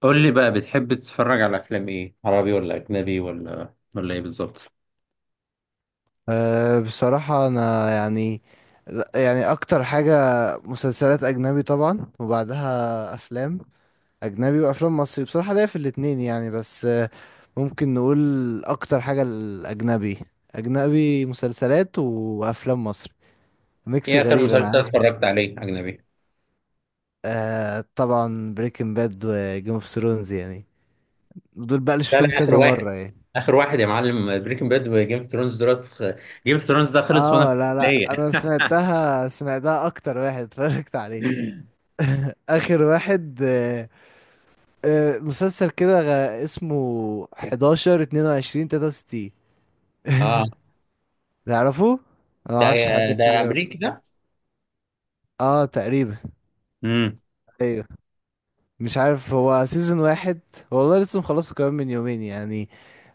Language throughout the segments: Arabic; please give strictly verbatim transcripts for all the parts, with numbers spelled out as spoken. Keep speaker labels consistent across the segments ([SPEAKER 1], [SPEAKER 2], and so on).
[SPEAKER 1] قول لي بقى بتحب تتفرج على افلام ايه، عربي ولا اجنبي ولا ولا ايه بالظبط؟
[SPEAKER 2] أه بصراحة أنا يعني يعني أكتر حاجة مسلسلات أجنبي طبعا، وبعدها أفلام أجنبي وأفلام مصري. بصراحة ليا في الاتنين يعني، بس آه، ممكن نقول أكتر حاجة الأجنبي. أجنبي مسلسلات وأفلام مصري، ميكس
[SPEAKER 1] ايه اخر
[SPEAKER 2] غريب أنا
[SPEAKER 1] مسلسل
[SPEAKER 2] عارف.
[SPEAKER 1] اتفرجت عليه اجنبي؟
[SPEAKER 2] أه طبعا بريكنج باد وجيم اوف ثرونز يعني، دول بقى اللي
[SPEAKER 1] لا،
[SPEAKER 2] شفتهم
[SPEAKER 1] لا، اخر
[SPEAKER 2] كذا
[SPEAKER 1] واحد،
[SPEAKER 2] مرة يعني.
[SPEAKER 1] اخر واحد يا معلم، بريكنج باد وجيم اوف ثرونز؟ دلوقتي جيم اوف ثرونز ده خلص وانا في
[SPEAKER 2] اه، لا لا
[SPEAKER 1] الكليه.
[SPEAKER 2] أنا سمعتها سمعتها أكتر واحد اتفرجت عليه آخر واحد آه، آه، مسلسل كده غ- اسمه حداشر اتنين وعشرين ثلاثة وستين،
[SPEAKER 1] اه،
[SPEAKER 2] تعرفه؟ انا ما
[SPEAKER 1] ده
[SPEAKER 2] اعرفش حد كتير
[SPEAKER 1] ده
[SPEAKER 2] يعرف.
[SPEAKER 1] امريكي ده؟
[SPEAKER 2] اه تقريبا.
[SPEAKER 1] امم.
[SPEAKER 2] ايوه، مش عارف هو سيزون واحد. والله لسه مخلصه كمان من يومين يعني.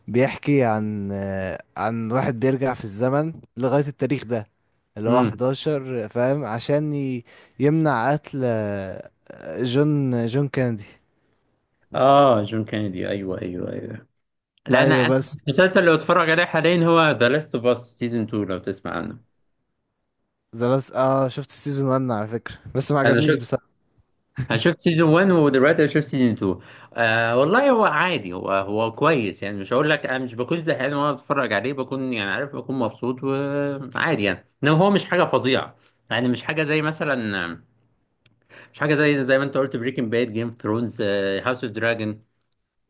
[SPEAKER 2] بيحكي عن آه، عن واحد بيرجع في الزمن لغاية التاريخ ده اللي هو
[SPEAKER 1] امم.
[SPEAKER 2] حداشر، فاهم؟ عشان ي- يمنع قتل آه، جون جون كينيدي.
[SPEAKER 1] اه، جون كينيدي، ايوه، ايوه، ايوه. لا، انا
[SPEAKER 2] ايوه
[SPEAKER 1] أنا
[SPEAKER 2] بس.
[SPEAKER 1] المسلسل اللي بتفرج عليه حاليا هو ذا لاست اوف اس سيزون اتنين لو تسمع عنه.
[SPEAKER 2] ذا لاست. اه شفت السيزون واحد على فكرة، بس ما
[SPEAKER 1] انا
[SPEAKER 2] عجبنيش
[SPEAKER 1] شفت
[SPEAKER 2] بصراحة.
[SPEAKER 1] انا شفت سيزون واحد ودلوقتي انا شفت سيزون اتنين. آه، والله هو عادي، هو هو كويس يعني، مش هقول لك انا مش بكون زهقان وانا بتفرج عليه، بكون يعني عارف، بكون مبسوط وعادي يعني، انما هو مش حاجه فظيعه. يعني مش حاجه زي مثلا، مش حاجه زي زي ما انت قلت، بريكنج باد، جيم اوف ثرونز، هاوس اوف دراجون،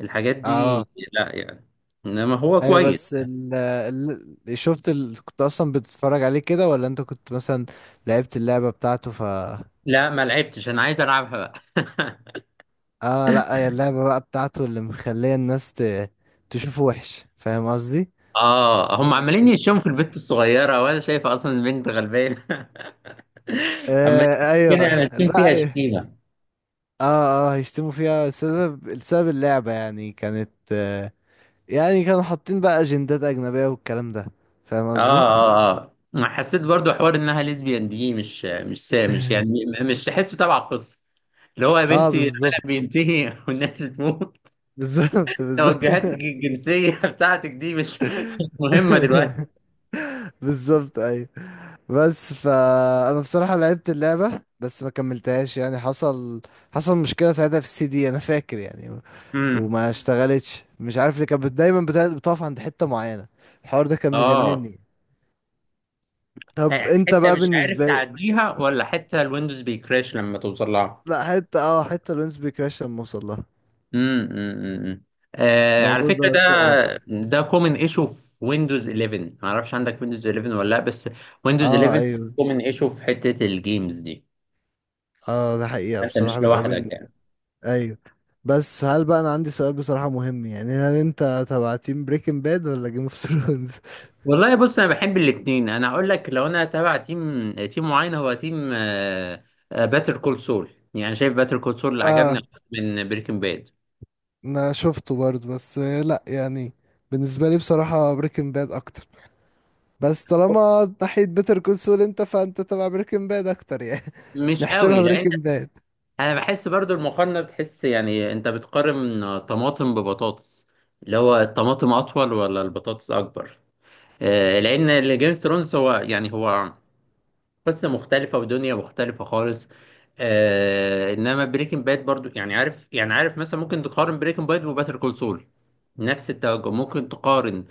[SPEAKER 1] الحاجات دي،
[SPEAKER 2] اه
[SPEAKER 1] لا يعني، انما هو
[SPEAKER 2] ايوه.
[SPEAKER 1] كويس.
[SPEAKER 2] بس ال ال- شفت ال... كنت اصلا بتتفرج عليه كده، ولا انت كنت مثلا لعبت اللعبة بتاعته؟ ف
[SPEAKER 1] لا ما لعبتش، انا عايز العبها بقى.
[SPEAKER 2] اه لا، هي اللعبة بقى بتاعته اللي مخلية الناس ت... تشوفه وحش، فاهم قصدي؟
[SPEAKER 1] اه، هم عمالين يشموا في البنت الصغيرة وانا شايفة اصلا البنت غلبانة. عمالين
[SPEAKER 2] آه
[SPEAKER 1] كده، انا
[SPEAKER 2] ايوه.
[SPEAKER 1] اشم
[SPEAKER 2] لا
[SPEAKER 1] فيها
[SPEAKER 2] ايوه.
[SPEAKER 1] شتيمة.
[SPEAKER 2] اه اه، هيشتموا فيها. السبب السبب اللعبة يعني، كانت آه يعني كانوا حاطين بقى اجندات اجنبية والكلام ده، فاهم
[SPEAKER 1] اه،
[SPEAKER 2] قصدي؟
[SPEAKER 1] اه، اه، ما حسيت برضو حوار انها ليزبيان دي، مش مش سا- مش يعني م- مش تحسه تبع القصة، اللي هو يا
[SPEAKER 2] اه
[SPEAKER 1] بنتي العالم
[SPEAKER 2] بالظبط
[SPEAKER 1] بينتهي والناس بتموت،
[SPEAKER 2] بالظبط
[SPEAKER 1] توجهاتك
[SPEAKER 2] بالظبط
[SPEAKER 1] الجنسية بتاعتك دي مش مش مهمة دلوقتي.
[SPEAKER 2] بالظبط ايوه. بس فانا بصراحه لعبت اللعبه بس ما كملتهاش. يعني حصل حصل مشكله ساعتها في السي دي انا فاكر يعني.
[SPEAKER 1] امم.
[SPEAKER 2] وما اشتغلتش، مش عارف ليه. كانت بت- دايما بتا- بتقف عند حته معينه. الحوار ده كان
[SPEAKER 1] اه،
[SPEAKER 2] مجنني. طب انت
[SPEAKER 1] حتة
[SPEAKER 2] بقى
[SPEAKER 1] مش عارف
[SPEAKER 2] بالنسبه لي.
[SPEAKER 1] تعديها ولا حتة الويندوز بيكراش لما توصل لها؟
[SPEAKER 2] لا حته، اه حته الونس بيكراش لما اوصل لها.
[SPEAKER 1] امم. امم. آه، على
[SPEAKER 2] الموضوع
[SPEAKER 1] فكرة
[SPEAKER 2] ده
[SPEAKER 1] ده،
[SPEAKER 2] استغربت.
[SPEAKER 1] ده كومن ايشو في ويندوز احداش، ما اعرفش عندك ويندوز احداش ولا لا. بس ويندوز
[SPEAKER 2] اه
[SPEAKER 1] إحدى عشر
[SPEAKER 2] ايوه.
[SPEAKER 1] كومن ايشو في حتة الجيمز دي.
[SPEAKER 2] اه ده حقيقه
[SPEAKER 1] انت
[SPEAKER 2] بصراحه
[SPEAKER 1] مش لوحدك
[SPEAKER 2] بتقابلني.
[SPEAKER 1] يعني.
[SPEAKER 2] ايوه. بس هل بقى، انا عندي سؤال بصراحه مهم يعني، هل انت تبع تيم بريكنج باد ولا جيم اوف ثرونز؟
[SPEAKER 1] والله بص، انا بحب الاتنين، انا اقول لك، لو انا تابع تيم تيم معين هو تيم باتر كول سول، يعني شايف باتر كول سول اللي عجبني
[SPEAKER 2] اه
[SPEAKER 1] أكتر من بريكنج باد.
[SPEAKER 2] انا شفته برضه، بس آه، لا يعني بالنسبه لي بصراحه بريكنج باد اكتر. بس طالما ناحيه بيتر كول سول انت، فانت تبع بريكنج باد اكتر يعني.
[SPEAKER 1] مش قوي،
[SPEAKER 2] نحسبها
[SPEAKER 1] لان
[SPEAKER 2] بريكنج باد.
[SPEAKER 1] انا بحس برضو المقارنه، بتحس يعني انت بتقارن طماطم ببطاطس، اللي هو الطماطم اطول ولا البطاطس اكبر؟ آه، لان اللي جيم اوف ثرونز هو يعني هو قصه مختلفه ودنيا مختلفه خالص. آه، انما بريكنج باد برضو، يعني عارف، يعني عارف مثلا ممكن تقارن بريكنج باد وباتر كول سول نفس التوجه، ممكن تقارن،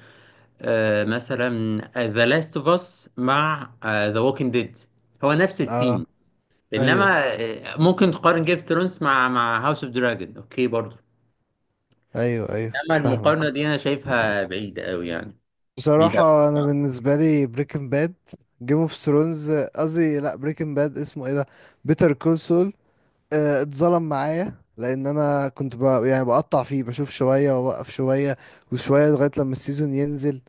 [SPEAKER 1] آه، مثلا ذا لاست اوف اس مع ذا ووكينج ديد، هو نفس
[SPEAKER 2] اه
[SPEAKER 1] الثيم.
[SPEAKER 2] ايوه
[SPEAKER 1] انما ممكن تقارن جيم اوف ثرونز مع مع هاوس اوف دراجون، اوكي برضو.
[SPEAKER 2] ايوه ايوه،
[SPEAKER 1] انما
[SPEAKER 2] فاهمك.
[SPEAKER 1] المقارنه دي انا شايفها بعيده قوي يعني، بعيده قوي.
[SPEAKER 2] بصراحه انا بالنسبه لي بريكنج باد. جيم اوف ثرونز قصدي، لا بريكنج باد. اسمه ايه ده، بيتر كول سول؟ اتظلم معايا، لان انا كنت بقى يعني بقطع فيه، بشوف شويه واوقف شويه وشويه لغايه لما السيزون ينزل.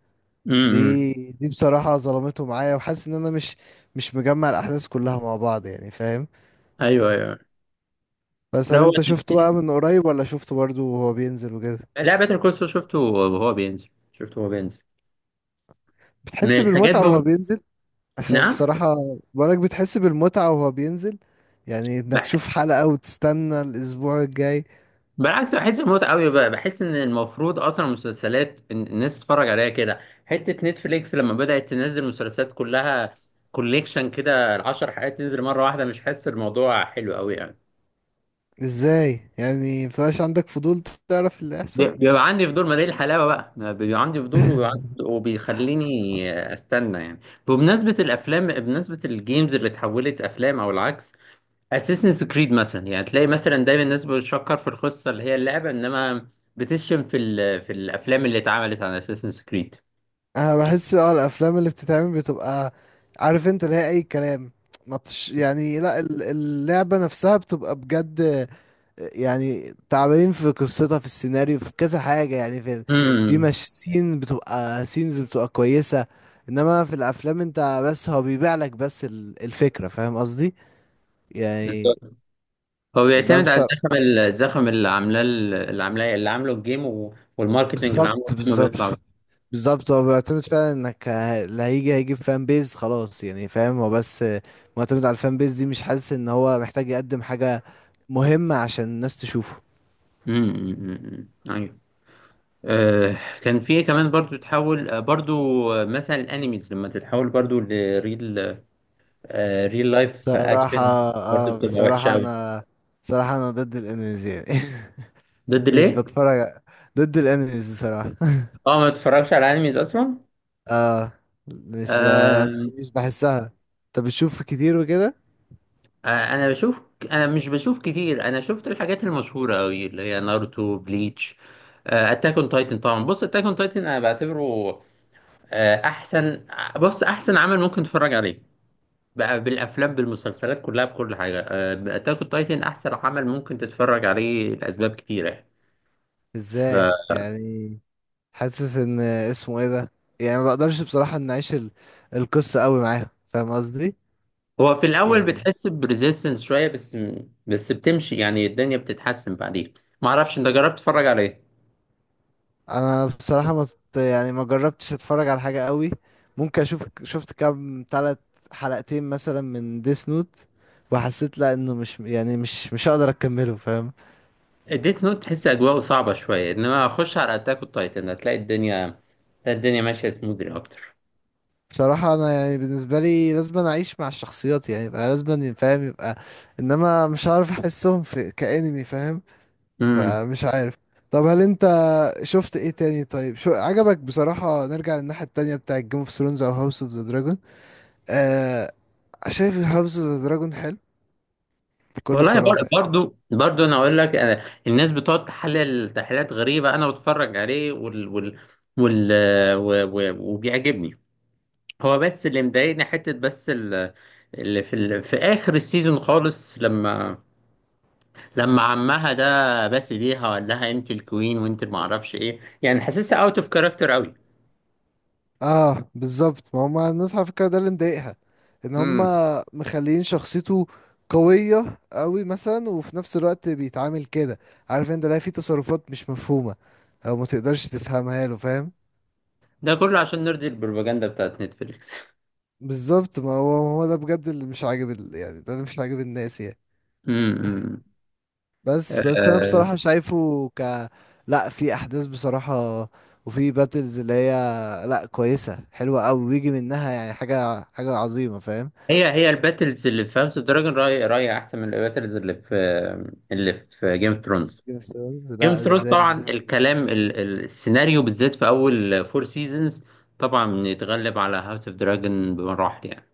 [SPEAKER 1] امم.
[SPEAKER 2] دي دي بصراحة ظلمته معايا، وحاسس ان انا مش مش مجمع الاحداث كلها مع بعض يعني، فاهم؟
[SPEAKER 1] ايوه، ايوه.
[SPEAKER 2] بس
[SPEAKER 1] لا
[SPEAKER 2] هل
[SPEAKER 1] هو
[SPEAKER 2] انت شفته
[SPEAKER 1] تمثيل،
[SPEAKER 2] بقى من قريب، ولا شفته برضه وهو بينزل وكده؟
[SPEAKER 1] لا باتر كول سول شفته وهو بينزل، شفته وهو بينزل. من
[SPEAKER 2] بتحس
[SPEAKER 1] الحاجات
[SPEAKER 2] بالمتعة وهو
[SPEAKER 1] بم...
[SPEAKER 2] بينزل؟ عشان
[SPEAKER 1] نعم.
[SPEAKER 2] بصراحة، بقولك بتحس بالمتعة وهو بينزل، يعني انك
[SPEAKER 1] بح...
[SPEAKER 2] تشوف حلقة وتستنى الاسبوع الجاي.
[SPEAKER 1] بالعكس، بحس بموت قوي بقى، بحس ان المفروض اصلا المسلسلات، إن- الناس تتفرج عليها كده. حته نتفليكس لما بدات تنزل مسلسلات كلها كوليكشن كده، العشر حلقات تنزل مره واحده، مش حاسس الموضوع حلو قوي يعني.
[SPEAKER 2] ازاي يعني مبتبقاش عندك فضول تعرف اللي
[SPEAKER 1] بي-
[SPEAKER 2] هيحصل؟
[SPEAKER 1] بيبقى عندي فضول، ما دي الحلاوه بقى، ما بيبقى عندي فضول وبيبقى عندي- وبيخليني استنى يعني. بمناسبه الافلام، بمناسبه الجيمز اللي اتحولت افلام او العكس، اساسنز كريد مثلا، يعني تلاقي مثلا دايما الناس بتشكر في القصه اللي هي اللعبه، انما بتشتم في ال- في الافلام اللي اتعملت عن اساسنز كريد.
[SPEAKER 2] انا بحس اه الافلام اللي بتتعمل بتبقى، عارف انت، اللي هي اي كلام. ما بتش يعني، لا ال- اللعبة نفسها بتبقى بجد يعني، تعبانين في قصتها، في السيناريو، في كذا حاجة يعني، في في
[SPEAKER 1] امم.
[SPEAKER 2] مش سين بتبقى سينز بتبقى كويسة. انما في الافلام انت بس، هو بيبيع لك بس ال- الفكرة، فاهم قصدي يعني؟
[SPEAKER 1] بالظبط، هو
[SPEAKER 2] ده
[SPEAKER 1] بيعتمد على
[SPEAKER 2] بصراحة
[SPEAKER 1] الزخم ال- الزخم اللي عاملاه ال- اللي عاملاه اللي عامله الجيم، و- والماركتنج اللي عامله
[SPEAKER 2] بالظبط
[SPEAKER 1] الجيم
[SPEAKER 2] بالظبط.
[SPEAKER 1] بيطلع.
[SPEAKER 2] بالظبط هو بيعتمد فعلا انك ه- اللي هيجي هيجيب فان بيز خلاص يعني، فاهم؟ هو بس معتمد على الفان بيز دي، مش حاسس ان هو محتاج يقدم حاجة مهمة عشان الناس تشوفه.
[SPEAKER 1] امم، أمم، أمم. أيوة. آه، كان في كمان برضو تتحول، آه، برضو آه، مثلا الانيميز لما تتحول برضو لريل، آه، ريل لايف
[SPEAKER 2] صراحة
[SPEAKER 1] اكشن، برضو
[SPEAKER 2] اه.
[SPEAKER 1] بتبقى وحشه
[SPEAKER 2] بصراحة
[SPEAKER 1] قوي.
[SPEAKER 2] انا، بصراحة انا ضد الانميز يعني.
[SPEAKER 1] ضد
[SPEAKER 2] مش
[SPEAKER 1] ليه؟
[SPEAKER 2] بتفرج، ضد الانميز بصراحة.
[SPEAKER 1] اه، ما تتفرجش على انيميز اصلا؟
[SPEAKER 2] اه مش ب...
[SPEAKER 1] آه،
[SPEAKER 2] يعني مش بحسها. انت بتشوف كتير وكده؟
[SPEAKER 1] آه، انا بشوف، انا مش بشوف كتير، انا شفت الحاجات المشهوره قوي اللي هي ناruto، بليتش، اتاك اون تايتن. طبعا بص، اتاك اون تايتن انا بعتبره، آه، احسن، آه، بص احسن عمل ممكن تتفرج عليه، بقى بالافلام بالمسلسلات كلها، بكل حاجه، اتاك اون تايتن احسن عمل ممكن تتفرج عليه لاسباب كتيره يعني.
[SPEAKER 2] ازاي يعني؟ حاسس ان اسمه ايه ده، يعني ما بقدرش بصراحة ان اعيش ال- القصة قوي معاهم، فاهم قصدي؟
[SPEAKER 1] فهو في الاول
[SPEAKER 2] يعني
[SPEAKER 1] بتحس بريزيستنس شويه، بس بس بتمشي يعني، الدنيا بتتحسن بعدين. ما اعرفش انت جربت تتفرج على ايه؟
[SPEAKER 2] انا بصراحة ما ت- يعني ما جربتش اتفرج على حاجة قوي. ممكن اشوف، شفت كام تلات حلقتين مثلا من ديس نوت، وحسيت لا انه مش يعني مش مش هقدر اكمله، فاهم؟
[SPEAKER 1] اديت نوت تحس اجواءه صعبه شويه، انما اخش على اتاك اون تايتن هتلاقي الدنيا، هتلاقي الدنيا ماشيه سموذلي اكتر.
[SPEAKER 2] بصراحة انا يعني بالنسبة لي لازم أنا اعيش مع الشخصيات يعني، يبقى لازم أن- فاهم؟ يبقى انما مش عارف احسهم في كأنمي، فاهم؟
[SPEAKER 1] امم.
[SPEAKER 2] فمش عارف. طب هل انت شفت ايه تاني؟ طيب شو عجبك بصراحة؟ نرجع للناحية التانية بتاع جيم اوف ثرونز او هاوس اوف ذا دراجون. آه شايف هاوس اوف ذا دراجون حلو بكل
[SPEAKER 1] والله
[SPEAKER 2] صراحة
[SPEAKER 1] بر-
[SPEAKER 2] يعني.
[SPEAKER 1] برضو برضو انا اقول لك، أنا الناس بتقعد تحلل تحليلات غريبه، انا بتفرج عليه وال وال وال و- و- وبيعجبني. هو بس اللي مضايقني، حته بس ال- اللي في ال... في اخر السيزون خالص، لما لما عمها ده بس بيها وقال لها انت الكوين وانت ما اعرفش ايه، يعني حاسسها اوت اوف كاركتر قوي.
[SPEAKER 2] اه بالظبط، ما هما الناس على فكرة ده اللي مضايقها، ان
[SPEAKER 1] امم.
[SPEAKER 2] هما مخليين شخصيته قوية قوي مثلا، وفي نفس الوقت بيتعامل كده، عارف انت، لا في تصرفات مش مفهومة او ما تقدرش تفهمها له، فاهم؟
[SPEAKER 1] ده كله عشان نرضي البروباجندا بتاعت نتفليكس.
[SPEAKER 2] بالظبط، ما هو هو ده بجد اللي مش عاجب ال- يعني ده اللي مش عاجب الناس يعني.
[SPEAKER 1] امم.
[SPEAKER 2] بس بس انا بصراحة شايفه ك، لا في احداث بصراحة، وفي باتلز اللي هي لا كويسة حلوة قوي، ويجي منها يعني حاجة حاجة عظيمة، فاهم؟
[SPEAKER 1] هي هي الباتلز اللي في هاوس اوف دراجون رأيي، رأيي احسن من الباتلز اللي في، اللي في جيم اوف ثرونز.
[SPEAKER 2] Game of Thrones،
[SPEAKER 1] جيم اوف
[SPEAKER 2] لا
[SPEAKER 1] ثرونز
[SPEAKER 2] ازاي.
[SPEAKER 1] طبعا الكلام، ال- ال- السيناريو بالذات في اول فور سيزونز طبعا بنتغلب على هاوس اوف دراجون بمراحل يعني.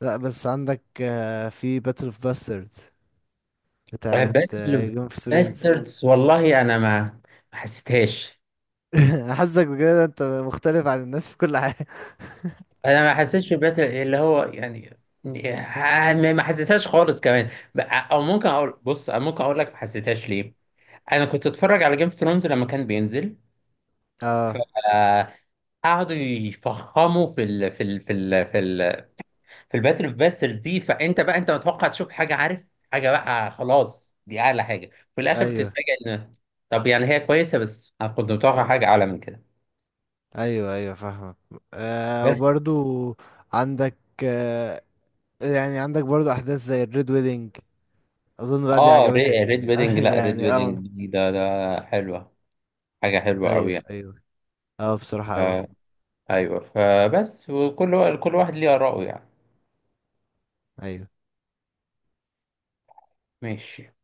[SPEAKER 2] لا بس عندك آه، في باتل اوف باستردز بتاعت
[SPEAKER 1] باتل اوف
[SPEAKER 2] جيم اوف ثرونز.
[SPEAKER 1] باستردز، والله انا ما ما حسيتهاش.
[SPEAKER 2] حاسك كده انت مختلف عن الناس في كل حاجة.
[SPEAKER 1] انا ما حسيتش باتل اللي هو يعني، ه- ما ما حسيتهاش خالص كمان. ب- او ممكن اقول بص، أنا ممكن اقول لك ما حسيتهاش ليه، انا كنت اتفرج على جيم اوف ثرونز لما كان بينزل.
[SPEAKER 2] اه
[SPEAKER 1] قعدوا يفخموا في ال في ال في ال في ال في الباتل اوف باسترز دي، فانت بقى انت متوقع تشوف حاجه، عارف، حاجه بقى خلاص، دي اعلى حاجه. في الاخر
[SPEAKER 2] ايوه
[SPEAKER 1] بتتفاجئ ان، طب يعني هي كويسه، بس انا كنت متوقع حاجه اعلى من كده.
[SPEAKER 2] ايوه ايوه فاهمك. آه
[SPEAKER 1] بس
[SPEAKER 2] وبرضو عندك آه يعني عندك برضو احداث زي الريد ويدنج، اظن بقى دي
[SPEAKER 1] اه،
[SPEAKER 2] عجبتك
[SPEAKER 1] ري- ريد ويدنج،
[SPEAKER 2] يعني.
[SPEAKER 1] لا ريد
[SPEAKER 2] يعني اه
[SPEAKER 1] ويدنج دي، ده ده حلوه، حاجه حلوه قوي
[SPEAKER 2] ايوه
[SPEAKER 1] يعني.
[SPEAKER 2] ايوه. اه بصراحة
[SPEAKER 1] ف-
[SPEAKER 2] قوي.
[SPEAKER 1] ايوه فبس، وكل وا- كل واحد ليه اراءه يعني.
[SPEAKER 2] ايوه
[SPEAKER 1] ماشي.